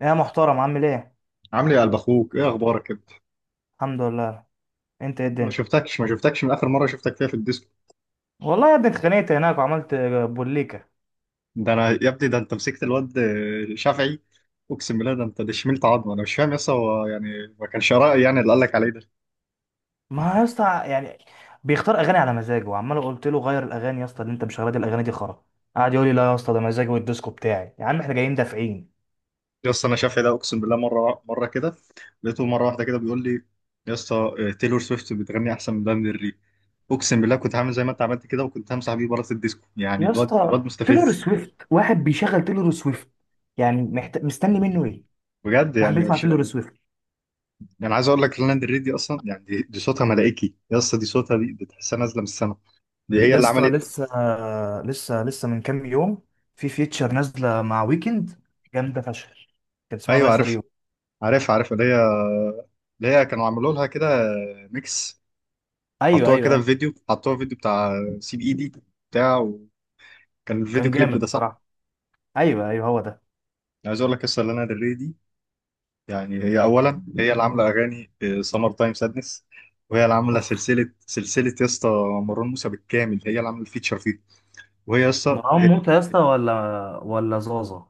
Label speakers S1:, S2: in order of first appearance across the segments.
S1: يا محترم، عامل ايه؟
S2: عامل ايه يا قلب اخوك، ايه اخبارك انت؟
S1: الحمد لله. انت ايه
S2: ما
S1: الدنيا؟
S2: شفتكش ما شفتكش من اخر مره شفتك فيها في الديسكو.
S1: والله يا ابني اتخانقت هناك وعملت بوليكا.
S2: ده انا يا ابني ده انت مسكت الواد شافعي. اقسم بالله، ده انت ده شملت عظمه. انا مش فاهم يس، هو يعني ما كانش رأي يعني اللي قال لك عليه ده؟
S1: ما يا اسطى، يعني بيختار اغاني على مزاجه وعمال قلت له غير الاغاني يا اسطى، اللي انت مش راضي الاغاني دي خرا. قعد يقول لي: لا يا اسطى، ده مزاجي والديسكو بتاعي، يا عم احنا جايين دافعين.
S2: يس انا شافعي ده، اقسم بالله مره مره كده لقيته مره واحده كده بيقول لي: يس، تايلور سويفت بتغني احسن من لانا ديل ري. اقسم بالله كنت هعمل زي ما انت عملت كده، وكنت همسح بيه بره الديسكو. يعني
S1: يا
S2: الواد
S1: اسطى
S2: الواد
S1: تيلور
S2: مستفز.
S1: سويفت، واحد بيشغل تيلور سويفت يعني مستني منه ايه؟
S2: بجد
S1: واحد
S2: يعني
S1: بيسمع
S2: مش،
S1: تيلور سويفت؟
S2: يعني عايز اقول لك، لانا ديل ري دي اصلا يعني دي صوتها ملائكي يس. دي صوتها، دي تحسها نازله من السما. دي هي
S1: يا
S2: اللي
S1: اسطى
S2: عملت.
S1: لسه، لسه من كام يوم في فيتشر نازله مع ويكند، جامده فشخ. كان اسمها
S2: ايوه
S1: داي فور
S2: عارف
S1: يو.
S2: عارف عارف اللي هي كانوا عملوا لها كده ميكس،
S1: ايوه،
S2: حطوها
S1: ايوه،
S2: كده في
S1: أيوه.
S2: فيديو، حطوها في فيديو بتاع سي بي اي دي، بتاع، وكان الفيديو
S1: كان
S2: كليب
S1: جامد
S2: ده، صح؟
S1: بصراحة. ايوه، ايوه، هو ده.
S2: عايز اقول لك قصه لانا دل ري دي. يعني هي اولا هي اللي عامله اغاني سمر تايم سادنس، وهي اللي عامله
S1: أوه.
S2: سلسله سلسله يا اسطى مروان موسى بالكامل. هي اللي عامله الفيتشر فيه، وهي يا اسطى
S1: مروان موسى يا اسطى، ولا زازا؟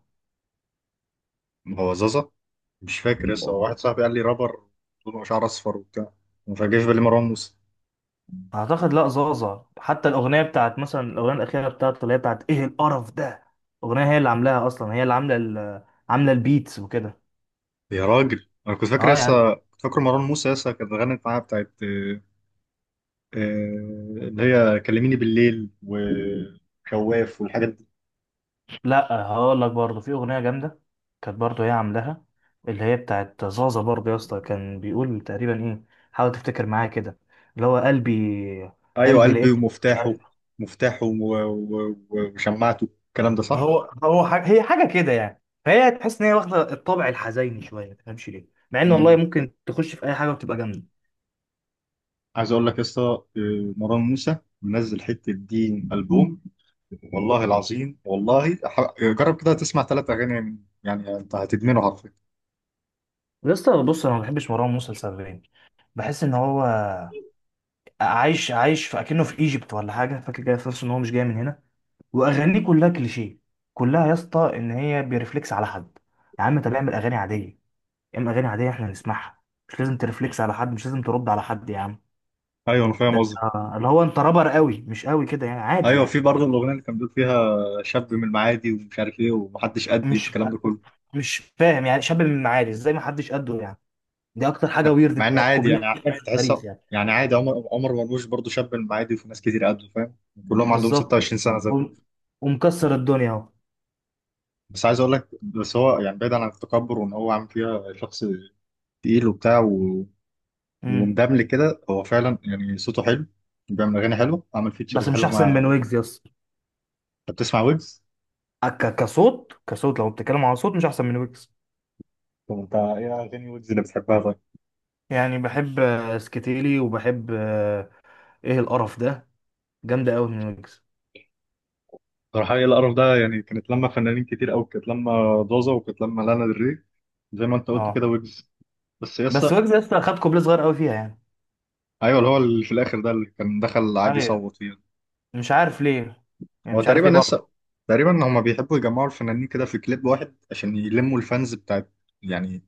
S2: هو زازا. مش فاكر يا اسطى، واحد صاحبي قال لي رابر طوله شعر اصفر وبتاع، ما فاجئش بالي مروان موسى.
S1: اعتقد لا زازا. حتى الاغنية بتاعت مثلا، الاغنية الاخيرة بتاعته اللي هي بتاعت ايه القرف ده، الاغنية هي اللي عاملاها اصلا، هي اللي عاملة عاملة البيتس وكده.
S2: يا راجل انا
S1: اه يعني.
S2: كنت فاكر مروان موسى يسا كانت غنت معاها بتاعت آه، اللي هي كلميني بالليل وخواف والحاجات دي.
S1: لا هقول لك، برضه في اغنية جامدة كانت برضه هي عاملاها، اللي هي بتاعت زازا برضه يا اسطى. كان بيقول تقريبا ايه، حاول تفتكر معايا كده، اللي هو قلبي،
S2: ايوه
S1: قلبي
S2: قلبي
S1: لقيت، مش
S2: ومفتاحه،
S1: عارف.
S2: مفتاحه وشماعته، الكلام ده صح؟
S1: هو حاجة، هي حاجة كده يعني، فهي تحس ان هي واخدة الطابع الحزيني شوية، ما تفهمش ليه، مع ان والله
S2: مم.
S1: ممكن تخش في اي حاجة وتبقى جامدة.
S2: عايز اقول لك يسا مروان موسى منزل حته دين البوم، والله العظيم والله، جرب كده تسمع ثلاث اغاني يعني انت هتدمنه حرفيا.
S1: يا اسطى بص، انا ما بحبش مروان موسى لسببين. بحس ان هو عايش في اكنه في ايجيبت ولا حاجة، فاكر كده في نفسه ان هو مش جاي من هنا. واغانيه كلها كليشيه، كلها يا اسطى ان هي بيرفلكس على حد. يا عم طب اعمل اغاني عادية، اعمل اغاني عادية احنا نسمعها، مش لازم ترفلكس على حد، مش لازم ترد على حد يا عم.
S2: ايوه انا فاهم
S1: ده
S2: قصدك.
S1: اللي هو انت رابر قوي مش قوي كده، يعني عادي
S2: ايوه، في
S1: يعني.
S2: برضه الاغنيه اللي كان بيقول فيها شاب من المعادي ومش عارف ايه ومحدش قدي
S1: مش
S2: والكلام ده كله.
S1: مش فاهم يعني شاب من المعادي ازاي ما حدش قده يعني، دي اكتر حاجه
S2: مع
S1: ويرد
S2: مع ان
S1: بتاعت
S2: عادي يعني،
S1: كوبليه بتاعت في
S2: تحس
S1: التاريخ يعني.
S2: يعني عادي. عمر مرموش برضه شاب من المعادي، وفي ناس كتير قده، فاهم، كلهم عندهم
S1: بالظبط.
S2: 26 سنه زي.
S1: وم- ومكسر الدنيا اهو.
S2: بس عايز اقول لك، بس هو يعني بعيدا عن التكبر وان هو عامل فيها شخص تقيل وبتاع و،
S1: مم.
S2: ومدمل كده، هو فعلا يعني صوته حلو، بيعمل اغاني حلوه، عامل
S1: بس
S2: فيتشرز
S1: مش
S2: حلوه
S1: احسن من
S2: مع.
S1: ويجز، يس.
S2: انت بتسمع ويجز؟
S1: كصوت، لو بتتكلم على صوت، مش احسن من ويجز.
S2: طب انت ايه اغاني ويجز اللي بتحبها طيب؟
S1: يعني بحب سكتيلي، وبحب ايه القرف ده، جامده قوي من ويجز.
S2: صراحة ايه القرف ده يعني، كانت لما فنانين كتير قوي، كانت لما دوزة، وكانت لما لانا دري زي ما انت قلت
S1: اه.
S2: كده ويجز. بس
S1: بس
S2: يسا،
S1: ويجز لسه خد كوبليه صغير قوي فيها يعني.
S2: ايوه اللي هو اللي في الاخر ده اللي كان دخل عادي
S1: ايوه.
S2: يصوت فيه.
S1: مش عارف ليه، يعني
S2: هو
S1: مش عارف
S2: تقريبا
S1: ليه برضه.
S2: يسا، تقريبا هما بيحبوا يجمعوا الفنانين كده في كليب واحد عشان يلموا الفانز بتاعت يعني،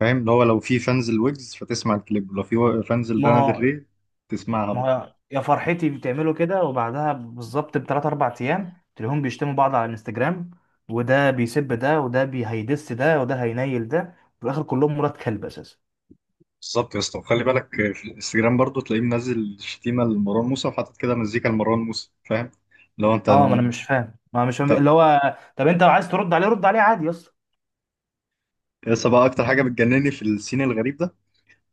S2: فاهم؟ اللي هو لو في فانز الويجز فتسمع الكليب، ولو في فانز
S1: ما
S2: لانا
S1: هو
S2: دري تسمعها
S1: ما
S2: برضه.
S1: هو يا فرحتي، بتعملوا كده وبعدها بالظبط بثلاث اربع ايام تلاقيهم بيشتموا بعض على الانستجرام، وده بيسب ده، وده هيدس ده، وده هينيل ده، في الاخر كلهم مرات كلب اساسا.
S2: بالظبط يا اسطى، وخلي بالك، في الانستجرام برضه تلاقيه منزل شتيمه لمروان موسى وحاطط كده مزيكا لمروان موسى، فاهم؟ لو انت
S1: اه، ما انا
S2: انت
S1: مش فاهم، اللي هو طب انت لو عايز ترد عليه، رد عليه عادي يا اسطى.
S2: يس بقى اكتر حاجه بتجنني في السين الغريب ده،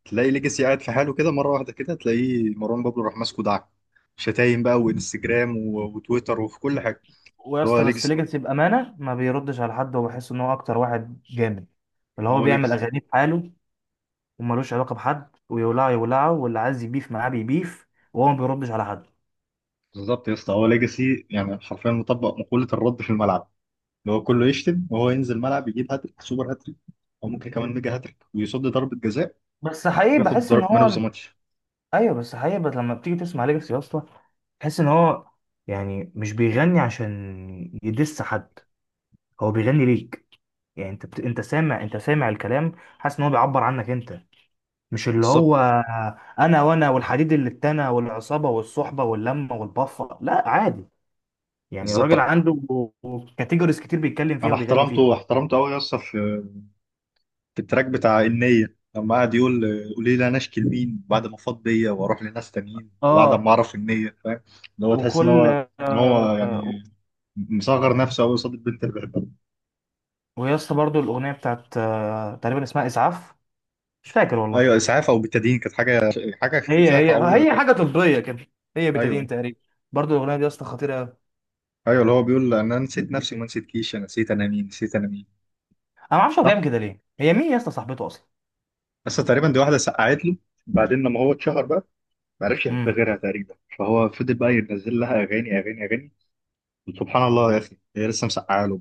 S2: تلاقي ليجاسي قاعد في حاله كده، مره واحده كده تلاقيه مروان بابلو راح ماسكه دعك شتايم بقى وانستجرام وتويتر وفي كل حاجه.
S1: ويا
S2: اللي هو
S1: اسطى، بس
S2: ليجاسي،
S1: ليجاسي بامانه ما بيردش على حد، وبحس ان هو اكتر واحد جامد، اللي
S2: ما
S1: هو
S2: هو
S1: بيعمل
S2: ليجاسي.
S1: اغاني بحاله وملوش علاقه بحد، ويولعه يولعه، واللي عايز يبيف معاه بيبيف، وهو ما بيردش على حد.
S2: بالظبط يا اسطى، هو ليجاسي يعني حرفيا مطبق مقوله الرد في الملعب، اللي هو كله يشتم وهو ينزل الملعب يجيب هاتريك سوبر هاتريك، او ممكن كمان ميجا هاتريك ويصد ضربه جزاء
S1: بس حقيقي
S2: وياخد
S1: بحس ان
S2: مان اوف
S1: هو،
S2: ذا ماتش.
S1: ايوه، بس حقيقة، بس لما بتيجي تسمع ليجاسي يا اسطى، تحس ان هو يعني مش بيغني عشان يدس حد، هو بيغني ليك. يعني انت انت سامع الكلام، حاسس ان هو بيعبر عنك انت، مش اللي
S2: بالظبط
S1: هو: انا والحديد اللي اتنى والعصابة والصحبة واللمة والبفة. لا عادي، يعني الراجل
S2: بالظبط
S1: عنده كاتيجوريز كتير بيتكلم فيها
S2: انا
S1: وبيغني فيها.
S2: احترمته قوي يا اسطى، في في التراك بتاع النية لما قعد يقول قولي لي انا اشكي لمين بعد ما فاض بيا واروح لناس تانيين وبعد ما
S1: اه
S2: اعرف النية، فاهم؟ اللي هو تحس ان
S1: وكل
S2: هو ان هو
S1: آه...
S2: يعني مصغر نفسه قوي قصاد البنت اللي بيحبها.
S1: ويا اسطى برضه، الاغنية بتاعت تقريبا اسمها اسعاف، مش فاكر والله.
S2: ايوه اسعاف، او بالتدين كانت حاجه
S1: هي
S2: فيها
S1: هي
S2: تعويره
S1: هي
S2: كده.
S1: حاجه طبيه كده، هي
S2: ايوه.
S1: بتدين تقريبا. برضو الاغنيه دي يا اسطى خطيره قوي. انا
S2: ايوه اللي هو بيقول: انا نسيت نفسي وما نسيتكيش، انا نسيت انا مين، نسيت انا مين.
S1: ما اعرفش هو
S2: صح.
S1: بيعمل كده ليه، هي مين يا اسطى صاحبته اصلا؟
S2: بس تقريبا دي واحده سقعت له، بعدين لما هو اتشهر بقى ما عرفش يحب
S1: امم.
S2: غيرها تقريبا، فهو فضل بقى ينزل لها اغاني اغاني اغاني. وسبحان الله يا اخي، هي لسه مسقعه له.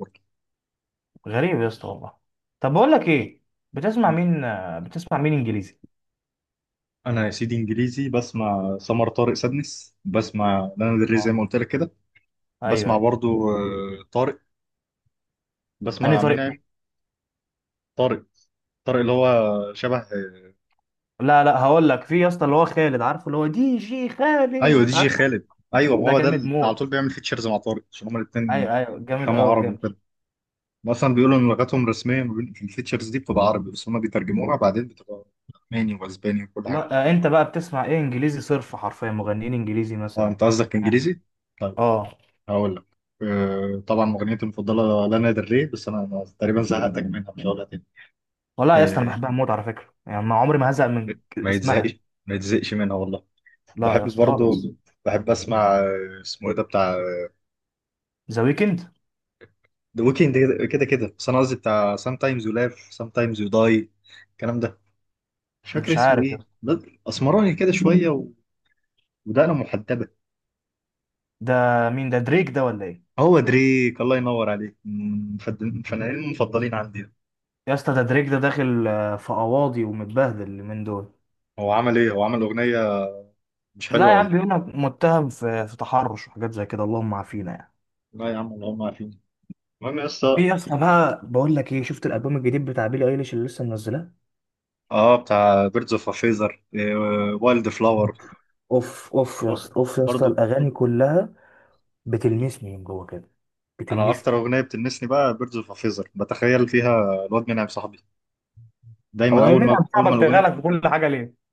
S1: غريب يا اسطى والله. طب بقول لك ايه،
S2: برضه،
S1: بتسمع مين انجليزي؟
S2: انا يا سيدي انجليزي بسمع سمر طارق سادنس، بسمع لانا دري زي
S1: اه.
S2: ما قلت لك كده.
S1: ايوه،
S2: بسمع
S1: ايوه.
S2: برضو طارق،
S1: انهي
S2: بسمع
S1: طريق
S2: منعم.
S1: فيه؟
S2: طارق، طارق اللي هو شبه
S1: لا، لا، هقول لك، في يا اسطى اللي هو خالد عارفه، اللي هو دي جي
S2: ايوه دي
S1: خالد
S2: جي
S1: عارفه.
S2: خالد، ايوه ما
S1: ده
S2: هو ده
S1: جامد
S2: اللي على طول
S1: موت.
S2: بيعمل فيتشرز مع طارق عشان هما الاثنين
S1: ايوه، ايوه، جامد
S2: بيفهموا
S1: قوي
S2: عربي
S1: بجد.
S2: وكده. مثلا بيقولوا ان لغتهم الرسميه ما بين الفيتشرز دي بتبقى عربي، بس هما بيترجموها بعدين بتبقى الماني واسباني وكل حاجه.
S1: لا انت بقى بتسمع ايه انجليزي صرف، حرفيا مغنيين انجليزي
S2: اه،
S1: مثلا؟
S2: انت قصدك انجليزي؟ طيب،
S1: اه.
S2: هقول لك. طبعا مغنيتي المفضله لانا دري. بس انا تقريبا زهقتك منها، مش هقولها تاني.
S1: والله يا اسطى انا
S2: آه،
S1: بحبها موت على فكره، يعني ما عمري ما هزهق من
S2: ما يتزهقش،
S1: اسمها.
S2: ما يتزهقش منها والله.
S1: لا يا
S2: بحب
S1: اسطى
S2: برضه،
S1: خالص.
S2: بحب اسمع اسمه ايه ده بتاع
S1: ذا ويكند.
S2: ذا ويكند. كده كده. بس انا قصدي بتاع سام تايمز يو لاف سام تايمز يو داي، الكلام ده، مش فاكر
S1: مش
S2: اسمه
S1: عارف يا
S2: ايه
S1: اسطى.
S2: ده. اسمراني كده شويه ودقنه محدبه.
S1: ده مين ده، دريك ده ولا ايه؟
S2: هو دريك، الله ينور عليك، من من الفنانين المفضلين عندي ده.
S1: يا اسطى ده دريك، ده داخل في قواضي ومتبهدل من دول.
S2: هو عمل ايه؟ هو عمل اغنيه مش
S1: لا
S2: حلوه
S1: يا عم،
S2: ولا ايه؟
S1: بيقول لك متهم في تحرش وحاجات زي كده، اللهم عافينا يعني.
S2: لا يا عم، اللي هم عارفين. المهم يا
S1: في
S2: اسطى.
S1: يا اسطى بقى، بقول لك ايه، شفت الالبوم الجديد بتاع بيلي ايليش اللي لسه منزلاه؟
S2: اه، بتاع بيردز اوف فيزر وايلد فلاور.
S1: اوف، اوف يا اسطى، اوف يا اسطى،
S2: برضه
S1: الاغاني كلها بتلمسني من جوه كده،
S2: انا اكتر
S1: بتلمسني.
S2: اغنيه بتلمسني بقى بيردز اوف فيزر، بتخيل فيها الواد منعم صاحبي دايما،
S1: هو ايه،
S2: اول
S1: مين اللي
S2: ما
S1: عم
S2: اول ما
S1: صاحبك
S2: الاغنيه.
S1: تغلط في كل حاجه ليه؟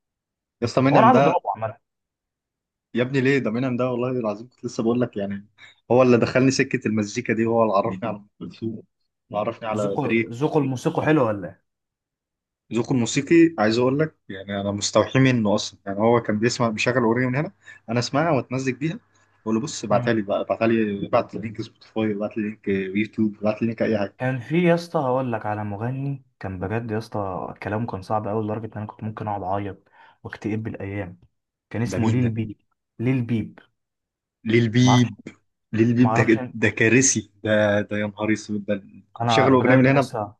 S2: يا اسطى
S1: هو انا
S2: منعم
S1: عايز
S2: ده.
S1: اضربه عامه.
S2: يا ابني ليه؟ ده منعم ده والله العظيم كنت لسه بقول لك يعني، هو اللي دخلني سكه المزيكا دي، هو اللي عرفني على ام كلثوم، اللي عرفني على
S1: ذوقه
S2: دري.
S1: ذوقه الموسيقى حلو ولا ايه؟
S2: ذوقه الموسيقي عايز اقول لك، يعني انا مستوحي منه اصلا. يعني هو كان بيسمع، بيشغل اغنيه من هنا، انا اسمعها واتمزج بيها. بقول له بص ابعتها
S1: مم.
S2: لي بقى، ابعتها لي، ابعت لي لينك سبوتيفاي، ابعت لي لينك يوتيوب، ابعت لي لينك اي حاجه.
S1: كان في يا اسطى هقول لك على مغني كان بجد يا اسطى كلامه كان صعب قوي، لدرجه ان انا كنت ممكن اقعد اعيط واكتئب بالايام. كان
S2: ده
S1: اسمه
S2: مين
S1: ليل
S2: ده؟
S1: بيب. ليل بيب. ما اعرفش.
S2: للبيب
S1: ما
S2: للبيب
S1: اعرفش
S2: ده
S1: إن-
S2: ده كارثي، ده يا نهار اسود ده. كنت
S1: انا
S2: شغال اغنيه من
S1: بجد يا
S2: هنا.
S1: اسطى،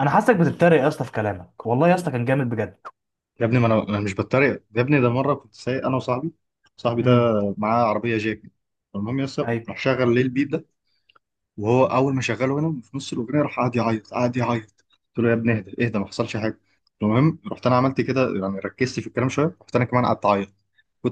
S1: انا حاسسك بتتريق يا اسطى في كلامك، والله يا اسطى كان جامد بجد.
S2: يا ابني ما انا مش بتريق، يا ابني ده مره كنت سايق انا وصاحبي، صاحبي ده
S1: امم.
S2: معاه عربيه جاك. المهم يس
S1: ايوه.
S2: راح شغل للبيب ده، وهو اول ما شغله هنا في نص الاغنيه راح قعد يعيط. قلت له يا ابني اهدى اهدى ما حصلش حاجه. المهم رحت انا عملت كده يعني، ركزت في الكلام شويه، رحت انا كمان قعدت اعيط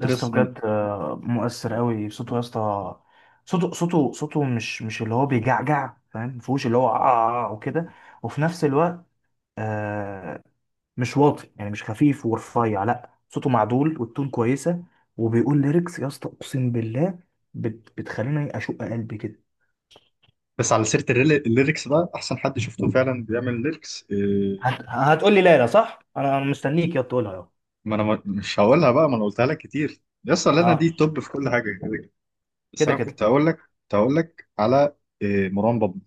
S1: يا اسطى
S2: يس من.
S1: بجد مؤثر قوي صوته يا اسطى. صوته مش اللي هو بيجعجع، فاهم، مفهوش اللي هو آه آه آه وكده. وفي نفس الوقت آه، مش واطي يعني، مش خفيف ورفيع، لا صوته معدول والتون كويسه. وبيقول ليركس يا اسطى اقسم بالله، بتخليني اشق قلبي كده.
S2: بس على سيره الليركس بقى، احسن حد شفته فعلا بيعمل ليركس
S1: هتقول لي لا، لا، صح، انا مستنيك يا تقولها يا.
S2: ما انا مش هقولها بقى، ما انا قلتها لك كتير يس، لنا
S1: اه.
S2: دي توب في كل حاجه كده كده. بس
S1: كده،
S2: انا
S1: كده.
S2: كنت هقول لك على إيه، مروان بابلو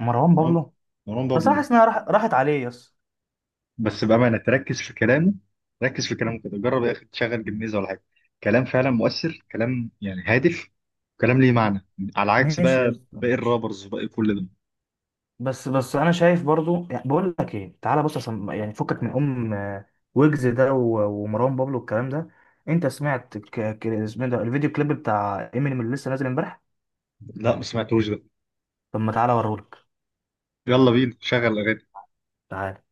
S1: مروان
S2: مروان
S1: بابلو.
S2: مروان
S1: بس انا
S2: بابلو
S1: حاسس انها راحت عليه يا اسطى.
S2: بس بامانه تركز في كلامه، ركز في كلامه كده، جرب يا اخي تشغل جميزه ولا حاجه. كلام فعلا مؤثر، كلام يعني هادف، كلام ليه معنى، على عكس
S1: ماشي يا
S2: بقى
S1: اسطى،
S2: باقي
S1: ماشي.
S2: الرابرز وباقي كل ده.
S1: بس انا شايف برضو، يعني بقول لك ايه، تعالى بص، عشان يعني فكك من ام آه، ويجز ده ومروان بابلو والكلام ده. انت سمعت اسمه إيه ده، الفيديو كليب بتاع امينيم اللي لسه نازل امبارح؟
S2: لا ما سمعتوش ده.
S1: طب ما تعالى اوريهولك.
S2: يلا بينا شغل اغاني.
S1: تعال.